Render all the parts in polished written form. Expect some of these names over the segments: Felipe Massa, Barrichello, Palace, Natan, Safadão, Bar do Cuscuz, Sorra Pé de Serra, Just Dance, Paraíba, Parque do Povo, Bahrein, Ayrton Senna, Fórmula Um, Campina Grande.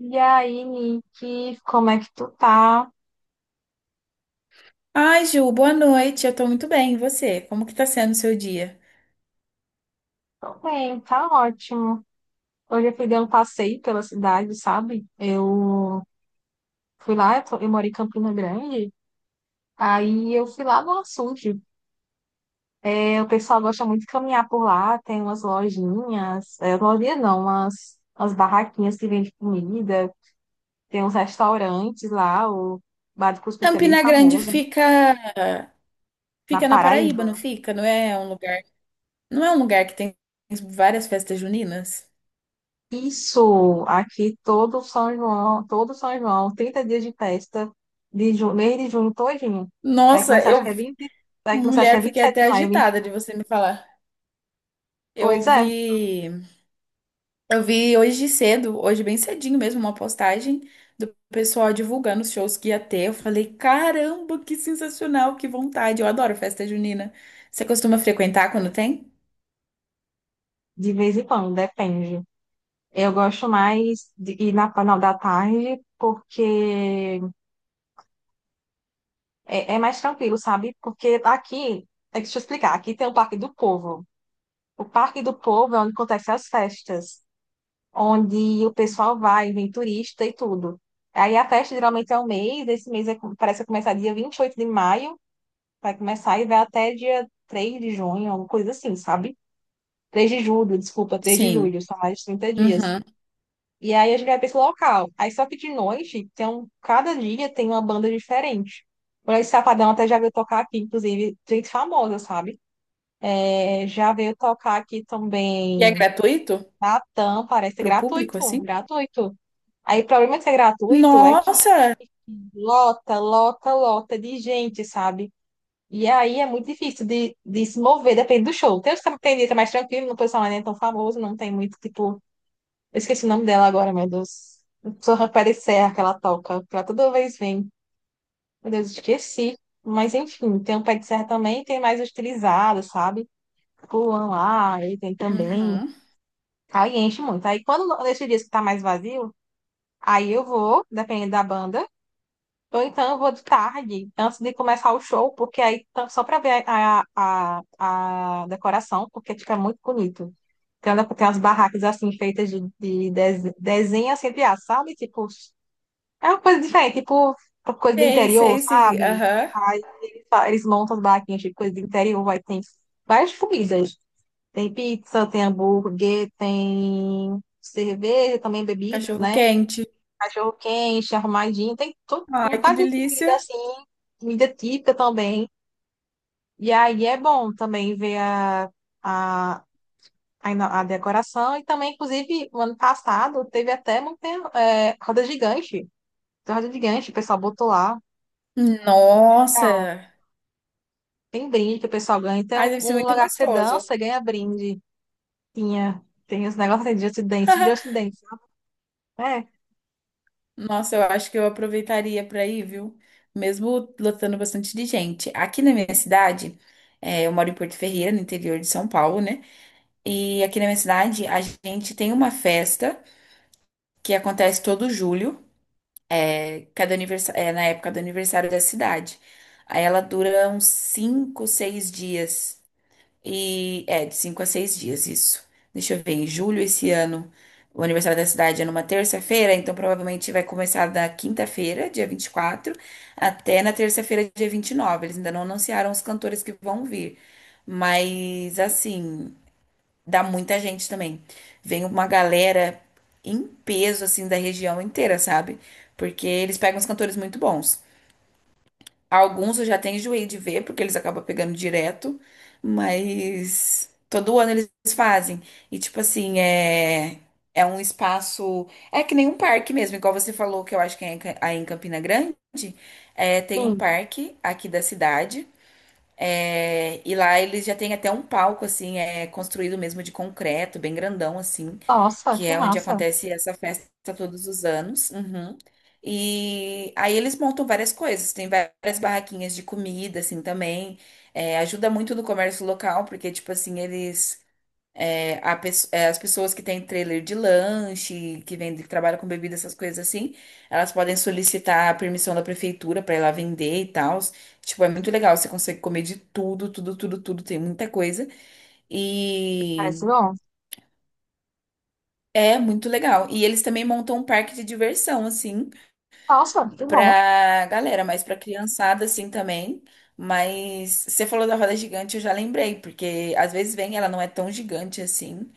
E aí, Nick, como é que tu tá? Ai, Ju, boa noite. Eu tô muito bem. E você? Como que tá sendo o seu dia? Tô bem, tá ótimo. Hoje eu fui dar um passeio pela cidade, sabe? Eu fui lá, eu, eu moro em Campina Grande, aí eu fui lá no açude. O pessoal gosta muito de caminhar por lá, tem umas lojinhas, lojinha não, umas barraquinhas que vendem comida, tem uns restaurantes lá, o Bar do Cuscuz é bem Campina Grande famoso, fica na fica na Paraíba, Paraíba. não fica? Não é um lugar que tem várias festas juninas? Isso, aqui todo São João, 30 dias de festa, mês de junho todinho. Vai Nossa, começar, acho que é 20 vai começar, acho que é mulher, fiquei 27 de até maio, agitada 21. de você me falar. Eu Pois é, vi, eu vi hoje cedo, hoje bem cedinho mesmo, uma postagem do pessoal divulgando os shows que ia ter. Eu falei, caramba, que sensacional, que vontade. Eu adoro festa junina. Você costuma frequentar quando tem? de vez em quando, depende. Eu gosto mais de ir na final da tarde, porque é mais tranquilo, sabe? Porque aqui, é que deixa eu explicar, aqui tem o Parque do Povo. O Parque do Povo é onde acontecem as festas, onde o pessoal vai, vem turista e tudo. Aí a festa geralmente é um mês, esse mês parece que começar dia 28 de maio, vai começar e vai até dia 3 de junho, alguma coisa assim, sabe? 3 de julho, desculpa, três de Sim. julho, são mais de 30 dias. Uhum. E aí a gente vai para esse local. Aí só que de noite, cada dia tem uma banda diferente. Por esse Safadão até já veio tocar aqui, inclusive, gente famosa, sabe? É, já veio tocar aqui E é também gratuito Natan, parece pro público, gratuito, assim? gratuito. Aí o problema de ser gratuito é que Nossa! lota, lota, lota de gente, sabe? E aí é muito difícil de se mover, depende do show. Tem, tem dia que é mais tranquilo, não pessoal não é nem tão famoso, não tem muito, tipo. Eu esqueci o nome dela agora, meu Deus. Sorra Pé de Serra que ela toca, que ela toda vez vem. Meu Deus, esqueci. Mas enfim, tem o Pé de Serra também, tem mais os, sabe? Pulam lá, aí tem também. Uhum. Aí enche muito. Aí quando nesses dias que tá mais vazio, aí eu vou, dependendo da banda. Ou então eu vou de tarde, antes de começar o show, porque aí só para ver a decoração, porque tipo, é muito bonito. Tem umas barracas assim feitas de, de desenho assim, entre aspas, sabe? Tipo, é uma coisa diferente, tipo coisa do Sei, interior, sei, sei. sabe? Aham. Aí eles, eles montam as barraquinhas de coisa do interior, vai tem várias comidas. Tem pizza, tem hambúrguer, tem cerveja, também bebidas, Cachorro né? quente. Cachorro quente, arrumadinho, tem tudo um Ai, que bocado de comida delícia. assim, comida típica também. E aí é bom também ver a, a decoração. E também, inclusive, o ano passado teve até montanha, é, roda gigante. Tem roda gigante, o pessoal botou lá. Legal. Nossa! Tem brinde que o pessoal ganha. Ai, deve Um ser muito lugar que você gostoso. dança, ganha brinde. Tem os negócios aí de Just Dance, Just Dance. É, Nossa, eu acho que eu aproveitaria para ir, viu? Mesmo lotando bastante de gente. Aqui na minha cidade, eu moro em Porto Ferreira, no interior de São Paulo, né? E aqui na minha cidade, a gente tem uma festa que acontece todo julho. Na época do aniversário da cidade. Aí ela dura uns 5 6 dias. E é, de 5 a 6 dias, isso. Deixa eu ver, em julho esse ano, o aniversário da cidade é numa terça-feira, então provavelmente vai começar da quinta-feira, dia 24 até na terça-feira, dia 29. Eles ainda não anunciaram os cantores que vão vir. Mas assim. Dá muita gente também. Vem uma galera em peso, assim, da região inteira, sabe? Porque eles pegam os cantores muito bons. Alguns eu já tenho enjoei de ver, porque eles acabam pegando direto, mas todo ano eles fazem. E, tipo assim, é. É um espaço. É que nem um parque mesmo, igual você falou, que eu acho que é em aí em Campina Grande. É, tem um sim. parque aqui da cidade. É, e lá eles já têm até um palco, assim, é construído mesmo de concreto, bem grandão, assim, Nossa, que que é onde massa. acontece essa festa todos os anos. Uhum. E aí eles montam várias coisas, tem várias barraquinhas de comida, assim, também. É, ajuda muito no comércio local, porque, tipo assim, eles a pes- é, as pessoas que têm trailer de lanche, que vendem, que trabalham com bebida, essas coisas assim, elas podem solicitar a permissão da prefeitura para ir lá vender e tal. Tipo, é muito legal, você consegue comer de tudo, tudo, tudo, tudo, tem muita coisa. Parece E bom. é muito legal. E eles também montam um parque de diversão, assim, Nossa, que bom. pra galera, mas pra criançada, assim, também. Mas você falou da roda gigante, eu já lembrei, porque às vezes vem, ela não é tão gigante assim.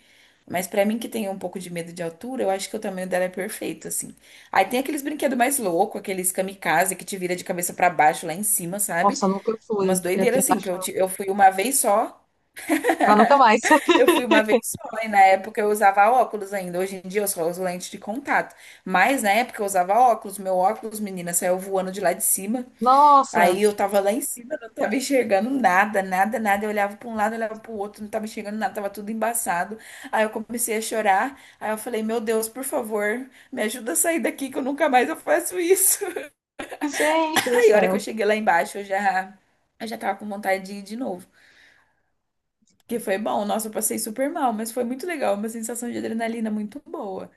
Mas pra mim que tem um pouco de medo de altura, eu acho que o tamanho dela é perfeito, assim. Aí tem aqueles brinquedos mais loucos, aqueles kamikaze que te vira de cabeça pra baixo lá em cima, sabe? Nossa, nunca Umas fui. Eu tenho doideiras assim, que eu, ti- bastante. eu fui uma vez só, Pra nunca mais. eu fui uma vez só, e na época eu usava óculos ainda. Hoje em dia eu só uso lente de contato. Mas na época eu usava óculos, meu óculos, menina, saiu voando de lá de cima. Nossa, Aí eu tava lá em cima, não tava enxergando nada, nada, nada. Eu olhava para um lado, olhava para o outro, não tava enxergando nada, tava tudo embaçado. Aí eu comecei a chorar. Aí eu falei: Meu Deus, por favor, me ajuda a sair daqui que eu nunca mais eu faço isso. gente do Aí a hora que eu céu. cheguei lá embaixo, eu já tava com vontade de ir de novo. Porque foi bom, nossa, eu passei super mal, mas foi muito legal, uma sensação de adrenalina muito boa.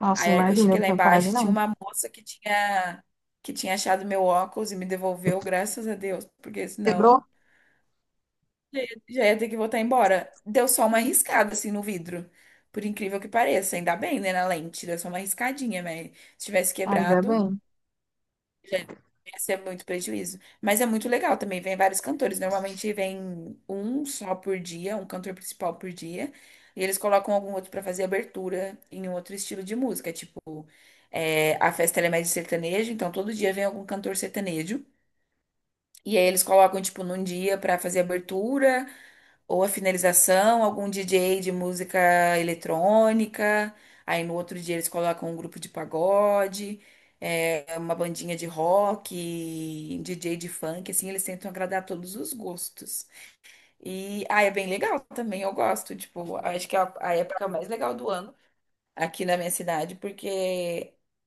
Nossa, Aí a hora que eu imagina, eu cheguei não lá tenho coragem, embaixo, tinha não. uma moça que tinha achado meu óculos e me devolveu, graças a Deus, porque senão. Quebrou? Já ia ter que voltar embora. Deu só uma riscada assim no vidro. Por incrível que pareça. Ainda bem, né? Na lente. Deu só uma riscadinha, mas se tivesse Ainda quebrado, bem. já ia ser muito prejuízo. Mas é muito legal também. Vem vários cantores. Normalmente vem um só por dia, um cantor principal por dia. E eles colocam algum outro pra fazer abertura em um outro estilo de música. Tipo, a festa ela é mais de sertanejo, então todo dia vem algum cantor sertanejo. E aí eles colocam, tipo, num dia pra fazer abertura. Ou a finalização, algum DJ de música eletrônica. Aí no outro dia eles colocam um grupo de pagode, uma bandinha de rock, DJ de funk, assim, eles tentam agradar todos os gostos. E ah, é bem legal também, eu gosto. Tipo, acho que é a época mais legal do ano aqui na minha cidade, porque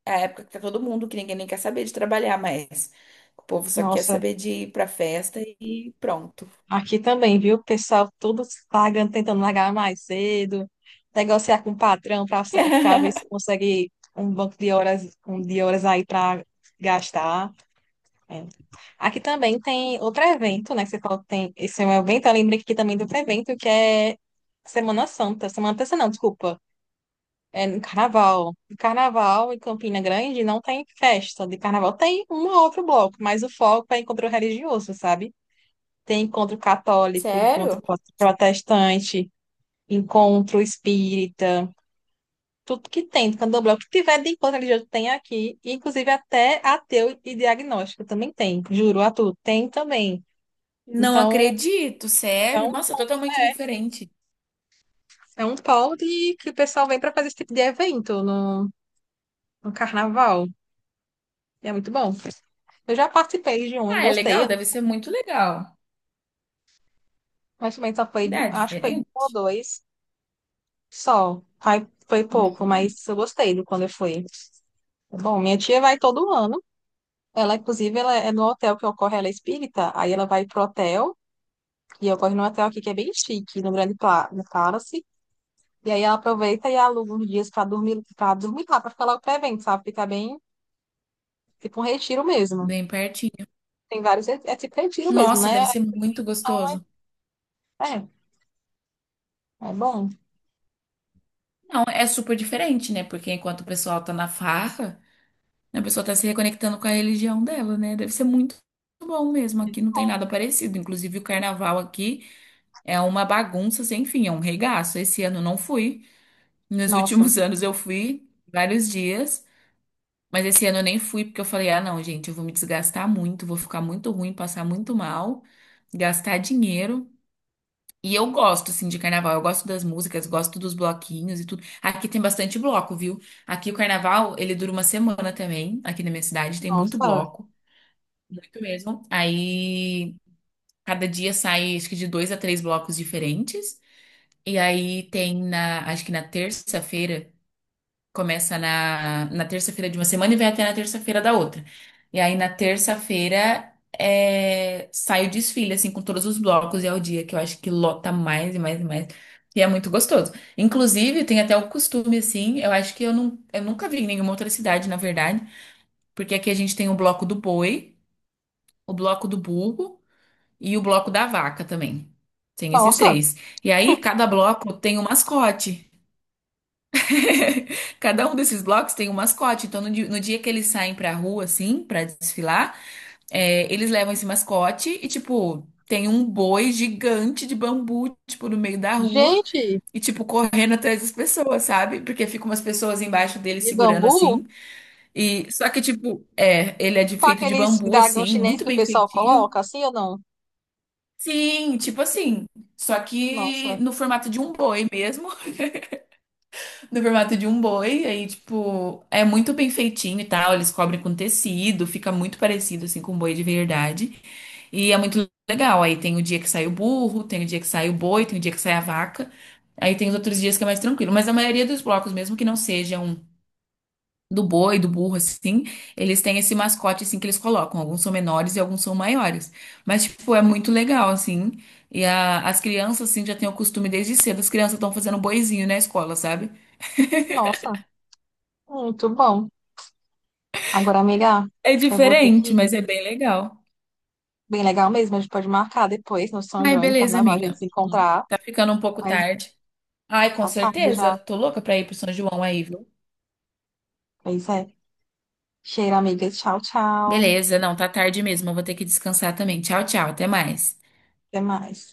é a época que tá todo mundo, que ninguém nem quer saber de trabalhar mais. O povo só quer Nossa, saber de ir pra festa e pronto. aqui também, viu? O pessoal todo pagando, tentando largar mais cedo, negociar com o patrão para ver se consegue um banco de horas, um de horas aí para gastar. É. Aqui também tem outro evento, né? Que você falou que tem. Esse é um evento, eu lembrei que aqui também tem outro evento, que é Semana Santa. Semana Santa, não, desculpa. É no carnaval. No carnaval em Campina Grande não tem festa de carnaval. Tem um ou outro bloco, mas o foco é encontro religioso, sabe? Tem encontro católico, encontro Sério? protestante, encontro espírita, tudo que tem do candomblé. O que tiver de encontro religioso tem aqui, inclusive até ateu e diagnóstico também tem. Juro, atu, tem também. Não Então, acredito, é sério. um, Nossa, totalmente diferente. é um polo de, que o pessoal vem para fazer esse tipo de evento no, no carnaval. E é muito bom. Eu já participei de um e Ah, é legal, gostei. deve ser muito legal. Mas também só foi, É acho que foi um diferente. ou dois só. Aí foi pouco, Uhum. mas eu gostei do quando eu fui. Bom, minha tia vai todo ano. Ela, inclusive, ela é no hotel que ocorre, ela é espírita. Aí ela vai pro hotel, e ocorre no hotel aqui que é bem chique, no no Palace. E aí ela aproveita e aluga uns dias pra dormir, para dormir lá, pra ficar logo pro evento, sabe? Fica bem, tipo um retiro mesmo. Bem pertinho. Tem vários, é tipo retiro mesmo, Nossa, né? deve ser muito gostoso. É, é bom. Não, é super diferente, né? Porque enquanto o pessoal tá na farra, a pessoa tá se reconectando com a religião dela, né? Deve ser muito bom mesmo. Aqui não tem nada parecido. Inclusive, o carnaval aqui é uma bagunça sem fim, é um regaço. Esse ano eu não fui. Nos Nossa, últimos anos eu fui vários dias. Mas esse ano eu nem fui porque eu falei: ah, não, gente, eu vou me desgastar muito, vou ficar muito ruim, passar muito mal, gastar dinheiro. E eu gosto, assim, de carnaval. Eu gosto das músicas, gosto dos bloquinhos e tudo. Aqui tem bastante bloco, viu? Aqui o carnaval, ele dura uma semana também. Aqui na minha cidade tem muito nossa, bloco, muito mesmo. Aí cada dia sai, acho que de dois a três blocos diferentes. E aí tem acho que na terça-feira. Começa na terça-feira de uma semana e vai até na terça-feira da outra. E aí, na terça-feira, sai o desfile, assim, com todos os blocos. E é o dia que eu acho que lota mais e mais e mais. E é muito gostoso. Inclusive, tem até o costume, assim, eu acho que eu, não, eu nunca vi em nenhuma outra cidade, na verdade. Porque aqui a gente tem o bloco do boi, o bloco do burro e o bloco da vaca também. Tem esses nossa, três. E aí, cada bloco tem um mascote. Cada um desses blocos tem um mascote. Então, no dia que eles saem pra rua, assim, pra desfilar, eles levam esse mascote e, tipo, tem um boi gigante de bambu, tipo, no meio da rua gente, e, tipo, correndo atrás das pessoas, sabe? Porque ficam umas pessoas embaixo dele de segurando bambu? assim. E só que, tipo, ele é Com feito de aqueles bambu, dragão assim, chinês muito que o bem pessoal feitinho. coloca, assim ou não? Sim, tipo assim. Só que Nossa, no formato de um boi mesmo. No formato de um boi, aí, tipo, é muito bem feitinho e tal. Eles cobrem com tecido, fica muito parecido, assim, com um boi de verdade. E é muito legal. Aí tem o dia que sai o burro, tem o dia que sai o boi, tem o dia que sai a vaca. Aí tem os outros dias que é mais tranquilo. Mas a maioria dos blocos, mesmo que não sejam do boi, do burro, assim, eles têm esse mascote, assim, que eles colocam. Alguns são menores e alguns são maiores. Mas, tipo, é muito legal, assim. E as crianças, assim, já têm o costume desde cedo. As crianças estão fazendo boizinho na escola, sabe? nossa, muito bom. Agora, amiga, É eu vou ter que diferente, mas ir. é bem legal. Bem legal mesmo, a gente pode marcar depois no São Ai, João, e no beleza, Carnaval, a gente amiga. se Uhum. encontrar. Tá ficando um pouco Mas tarde. Ai, com tá tarde certeza. já. Tô louca pra ir pro São João aí, viu? Pois é. Cheiro, amiga. Tchau, tchau. Beleza, não, tá tarde mesmo. Eu vou ter que descansar também. Tchau, tchau. Até mais. Até mais.